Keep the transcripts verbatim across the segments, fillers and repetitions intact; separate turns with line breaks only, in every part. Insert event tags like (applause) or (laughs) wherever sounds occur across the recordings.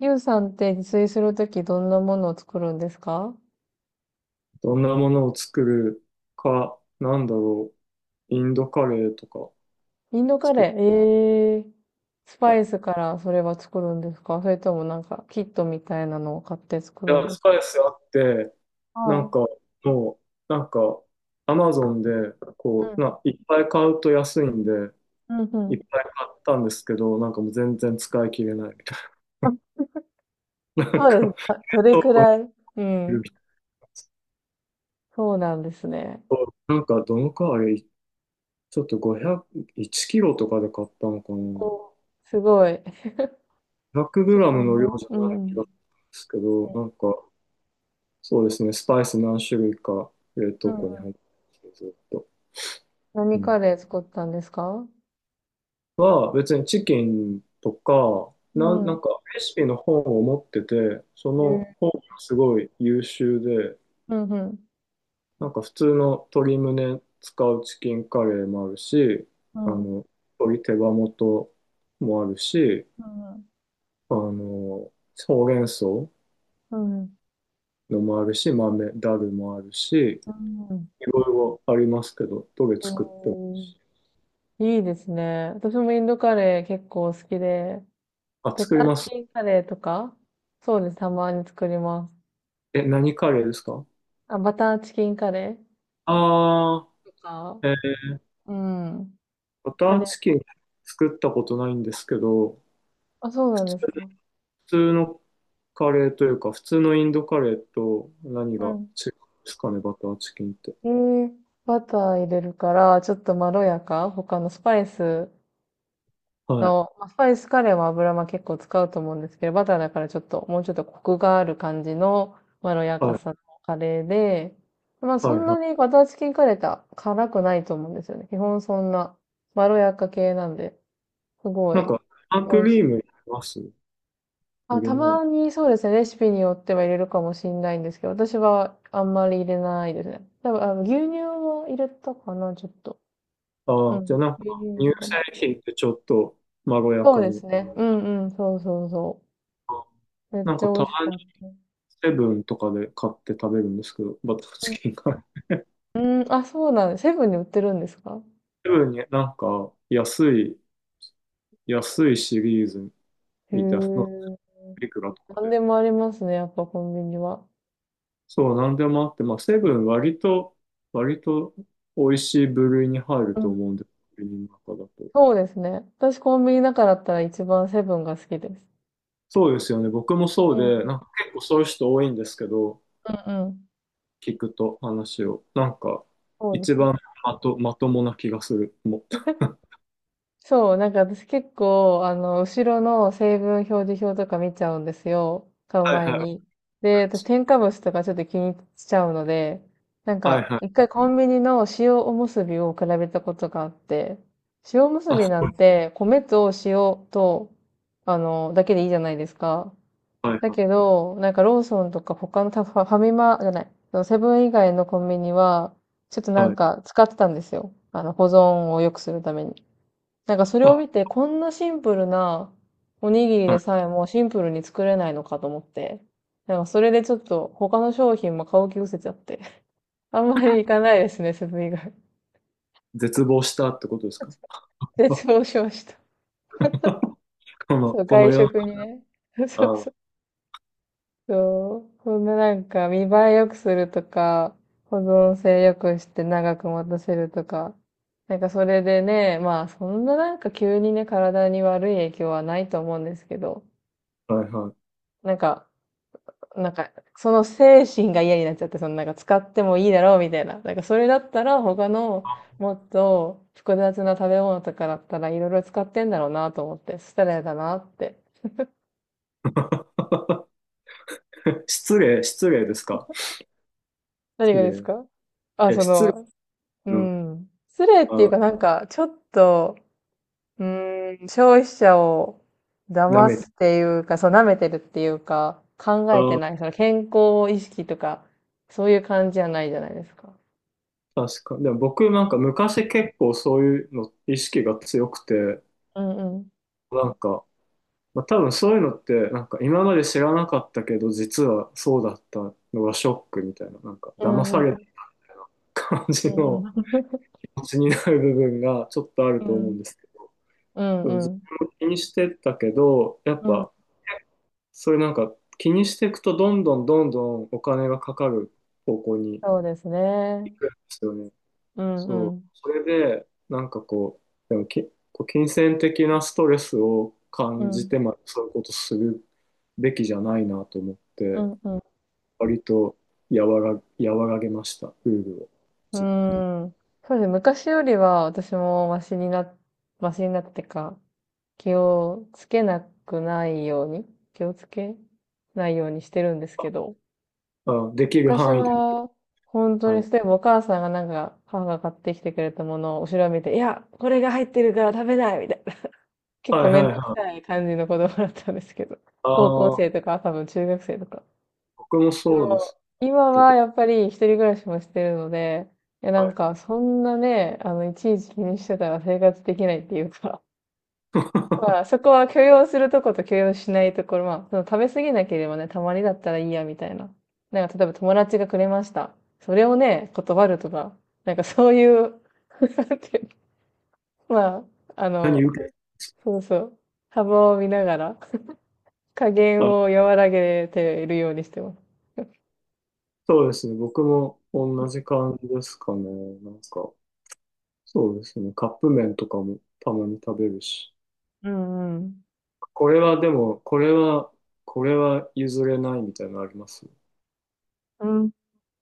ゆうさんって自炊するときどんなものを作るんですか？
どんなものを作るか、なんだろう、インドカレーとか
インドカ
作
レ
る
ー。ええー。スパ
か。
イスからそれは作るんですか、それともなんかキットみたいなのを買って作
い
るん
や、
です
スパイスあって、
か？
な
は
ん
い。
か、もう、なんか、アマゾンで、
う
こう、
ん。
な、いっぱい買うと安いんで、
うんう
いっ
ん。
ぱい買ったんですけど、なんかもう全然使い切れないみた
あ、
いな。(laughs) な
そ
んか、
うですか。どれ
倉
く
庫に
らい？う
いる
ん。そうなんですね。
と、なんか、どのくらい、ちょっとごひゃく、いちキロとかで買ったのかな。
お、すごい。
ひゃくグ
基
ラム
本
の量
の。
じゃ
う
ない気がするん
ん。
ですけど、なんか、そうですね、スパイス何種類か冷
う
凍庫に
ん。
入ってて、ずっと。う
何カ
ん、
レー作ったんですか？
は、別にチキンとか、
う
な、な
ん。
んかレシピの本を持ってて、そ
え
の
ー、
本がすごい優秀で、
うんうん。
なんか普通の鶏胸使うチキンカレーもあるし、
う
あ
ん。
の、鶏手羽元もあるし、
うん
あの、ほうれん草の
うん。うん。
もあるし、豆、ダルもあるし、
うん。
いろいろありますけど、どれ
う
作っても、
ん。いいですね。私もインドカレー結構好きで、
あ、
バ
作
タ
り
ー
ま
チ
す。
キンカレーとか、そうです。たまに作ります。
え、何カレーですか？
あ、バターチキンカレー
ああ
とか、
ー、えー、
うん。
バタ
カ
ー
レー好
チキン
き。
作ったことないんですけど、
あ、そう
普
なん
通、
です
普
か。
通のカレーというか、普通のインドカレーと何
う
が違う
ん。
んですかね、バターチキンって。
えー、バター入れるから、ちょっとまろやか、他のスパイス
はい、
の、まあスパイスカレーは油は結構使うと思うんですけど、バターだからちょっと、もうちょっとコクがある感じのまろやか
はい、
さのカレーで、まあ
はい、
そん
は
な
い。
にバターチキンカレーって辛くないと思うんですよね。基本そんなまろやか系なんで、すご
なん
い
か、生
美
ク
味し
リー
い。
ム入れます入
あ、
れ
た
ないの？
まにそうですね、レシピによっては入れるかもしれないんですけど、私はあんまり入れないですね。多分、あの牛乳を入れたかな、ちょっと。
あ
う
あー、じゃあ
ん。
なんか、
牛乳入れ
乳
たか
製
も。
品ってちょっとまろや
そう
か
です
に。
ね。うんうん、そうそうそう。めっ
なん
ち
か、
ゃ美
た
味し
ま
か
に
った。
セブンとかで買って食べるんですけど、バターチキンが。
うん、あ、そうなんだ。セブンに売ってるんですか？
セブンになんか、安い安いシリーズ
へ
みたいな、
え。
いくらとか
何
で。
でもありますね、やっぱコンビニは。
そう、なんでもあって、まあ、セブン割と、割と美味しい部類に入る
う
と
ん。
思うんで、コンビニの中だと。
そうですね。私コンビニ中だったら一番セブンが好きです。
そうですよね。僕も
う
そう
ん。
で、な
うん
んか結構そういう人多いんですけど、
うん。
聞くと話を。なんか、
そうで
一
すね。
番まと、まともな気がする。もう (laughs)
そう、なんか私結構、あの、後ろの成分表示表とか見ちゃうんですよ。買う
はい
前
はい。
に。で、私添加物とかちょっと気にしちゃうので、なん
はい
か、
は
一
い。
回コンビニの塩おむすびを比べたことがあって、塩おむすび
あ、
なんて、米と塩と、あの、だけでいいじゃないですか。
はい
だ
は
けど、なんかローソンとか他のたファファミマじゃない、そのセブン以外のコンビニは、ちょっと
い。
な
は
ん
い。
か使ってたんですよ。あの、保存を良くするために。なんかそれを
あ、
見て、こんなシンプルなおにぎり
は
でさ
い。
えもシンプルに作れないのかと思って、なんかそれでちょっと他の商品も買う気失せちゃって、(laughs) あんまり行かないですね、セブン以外。
絶望したってことですか？ (laughs)
絶
こ
望しました。
の、
そう、
この
外
世の中、
食にね。(laughs) そうそ
あ
う。そう、そんななんか見栄え良くするとか、保存性良くして長く持たせるとか、なんかそれでね、まあそんななんか急にね、体に悪い影響はないと思うんですけど、
はいはい。
なんか、なんか、その精神が嫌になっちゃって、そのなんか使ってもいいだろうみたいな。なんかそれだったら他のもっと複雑な食べ物とかだったらいろいろ使ってんだろうなと思って、失礼だなって。
(laughs) 失礼、失礼ですか。
何
失
がですか？
礼。
あ、
え、
そ
失礼。
の、う
うん。
ん。失礼っていう
あ、
かなんか、ちょっと、うん、消費者を
舐
騙
めて。
すっていうか、そう、舐めてるっていうか、考えて
あ、
ない、その健康意識とか、そういう感じじゃないじゃないですか。
確か。でも僕なんか昔結構そういうの意識が強くて、
うんうん。
なんか、まあ、多分そういうのってなんか今まで知らなかったけど実はそうだったのがショックみたいな、なんか
う
騙さ
ん
れ
うん。
た感
う
じ
ん
の
うん。
気持ちになる部分がちょっとある
う
と思うん
ん。
ですけど、
うん、
でも
う
自
ん。
分も気にしてたけど、やっ
うん。
ぱそういうなんか気にしていくとどんどんどんどんお金がかかる方向に
そうですね。
ですよね。
うん、う
そう。
ん。
それで、なんかこう、でもけ、こう金銭的なストレスを
う
感じ
ん、
てまでそういうことするべきじゃないなと思っ
う
て、
ん、うん。
割と和ら、和らげました、ルールを、
う
自分で。
ーん。そうですね。昔よりは私もマシにな、マシになってか、気をつけなくないように、気をつけないようにしてるんですけど、
あ、できる
昔
範囲で。
は本当
は
に、
い。
例えばお母さんがなんか、母が買ってきてくれたものを後ろを見て、いや、これが入ってるから食べないみたいな。(laughs) 結
は
構
い
めん
はい
どく
は
さ
い。
い感じの子供だったんですけど、
あ
高校生
あ、
とか多分中学生とか
僕も
で
そうで
も、
す。
今
ちょっ
は
と、
やっぱり一人暮らしもしてるので、いやな
は
ん
いは
かそんなね、あの、いちいち気にしてたら生活できないっていうか、
い。
(laughs)
(laughs)
まあそこは許容するとこと許容しないところ、まあその食べ過ぎなければね、たまにだったらいいやみたいな。なんか例えば友達がくれました。それをね、断るとか、なんかそういう、(laughs) なんていうの？まあ、あ
何
の、
受け
そうそう、幅を見ながら、加減
あ、
を和らげているようにしてます。
そうですね。僕も同じ感じですかね。なんか、そうですね。カップ麺とかもたまに食べるし。
うんうん。
これはでも、これは、これは譲れないみたいなのあります？
うん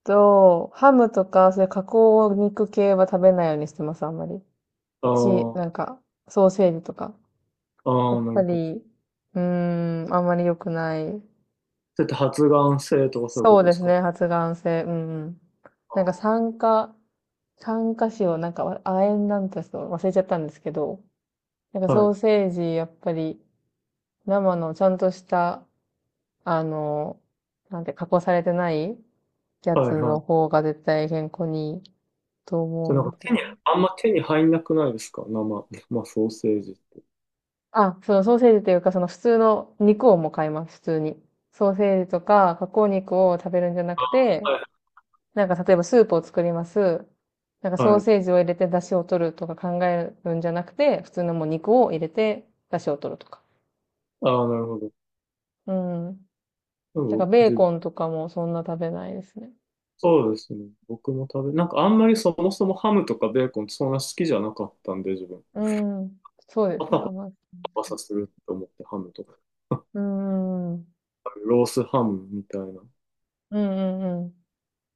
と、ハムとか、そういう加工肉系は食べないようにしてます、あんまり。
ああ
し、
ー、
なんか、ソーセージとか。や
あ
っ
あ、な
ぱ
るほど。
り、うーん、あんまり良くない。
だって発がん性とかそういうこ
そう
とで
で
す
す
か？
ね、発がん性。うんうん。なんか
あ
酸化、酸化死をなんか、わ亜鉛なんてちょっと忘れちゃったんですけど、なんか
ー、は
ソ
い、
ーセージ、やっぱり、生のちゃんとした、あの、なんて、加工されてないや
は
つ
い、は
の
い。
方が絶対健康にいいと
じゃ
思
あ
う
な
の
んか
で。
手に、あんま手に入んなくないですか、生、生ソーセージ。
あ、そのソーセージというか、その普通の肉をもう買います、普通に。ソーセージとか加工肉を食べるんじゃな
あ
くて、
ー、
なんか例えばスープを作ります。なんか
はい、
ソー
はい。
セージを入れて出汁を取るとか考えるんじゃなくて、普通のもう肉を入れて出汁を取るとか。
ああ、なるほど。
うん。
で
だか
も、
らベー
じ、
コンとかもそんな食べないですね。
そうですね。僕も食べ、なんかあんまりそもそもハムとかベーコンそんな好きじゃなかったんで、自分。
うん。そうで
パサ
すね、
パサ
甘い。
パサすると思ってハムとか、
うん。うん
ロースハムみたいな。
うん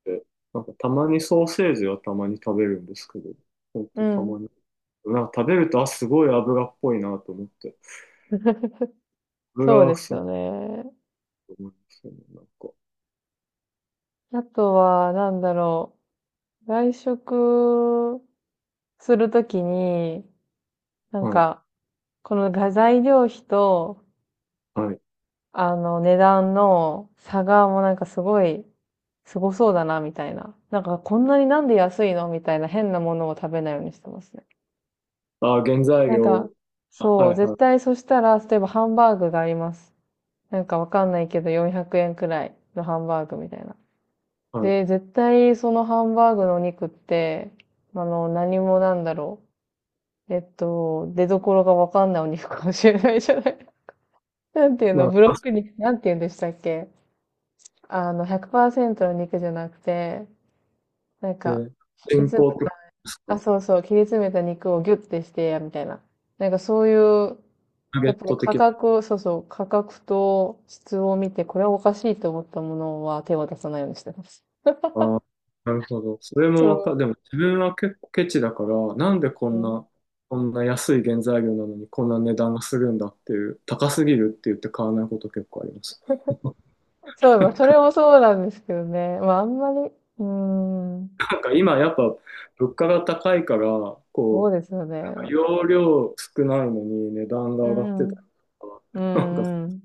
て、なんかたまにソーセージはたまに食べるんですけど、ほん
う
とた
ん。う
ま
ん。
に。なんか食べると、あ、すごい油っぽいなと思って、
(laughs) そう
油が
で
す
す
ごく
よね。
思いますよね、なんか。
あとは、なんだろう。外食するときに、なん
はい、
か、この画材料費と、
はい。
あの、値段の差がもうなんかすごい、すごそうだな、みたいな。なんか、こんなになんで安いのみたいな変なものを食べないようにしてますね。
あ、原材
なん
料、
か、
あ
そ
は
う、
い
絶
は
対そしたら、例えばハンバーグがあります。なんかわかんないけど、よんひゃくえんくえんくらいのハンバーグみたいな。
い、はい。
で、絶対そのハンバーグのお肉って、あの、何もなんだろう。えっと、出所がわかんないお肉かもしれないじゃない。(laughs) なんていう
ま
の、ブロッ
あ、
ク肉、なんていうんでしたっけ？あの、ひゃくパーセントの肉じゃなくて、なん
え
か、
ー
切り
人
詰め、
工ってことです
あ、
か、
そうそう、切り詰めた肉をギュッてして、みたいな。なんかそういう、
ナゲ
やっ
ッ
ぱり
ト
価
的な。
格、そうそう、価格と質を見て、これはおかしいと思ったものは手を出さないようにしてます。
あ、なるほど。それも
そ
わか、でも自分は結構ケチだから、なんでこ
う
ん
ん。う
な、
ん、
こんな安い原材料なのにこんな値段がするんだっていう、高すぎるって言って買わないこと結構あります。
そうだ、まあそれもそうなんですけどね。まあ、あんまり、うーん、
なんか今やっぱ物価が高いから、
そう
こ
ですよ
う、
ね。
容量少ないのに値段が
う
上がってたり
ん。
と
う
か、なんか
んうん。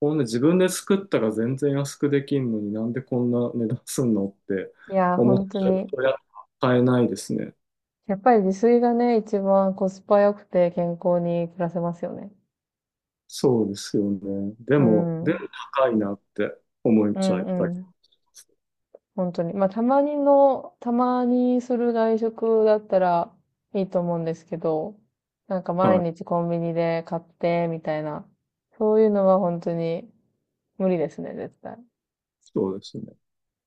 こんな自分で作ったら全然安くできんのになんでこんな値段すんのって
いや、
思っ
本当
ちゃう
に。
とやっぱ買えないですね。
やっぱり自炊がね、一番コスパ良くて健康に暮らせますよね。
そうですよね。で
う
も、
ん。
で
う
も高いなって思っちゃ
ん
っ
う
たり。
ん。本当に。まあ、たまにの、たまにする外食だったらいいと思うんですけど、なんか
は
毎
い、
日コンビニで買って、みたいな。そういうのは本当に無理ですね、絶対。
そうですね。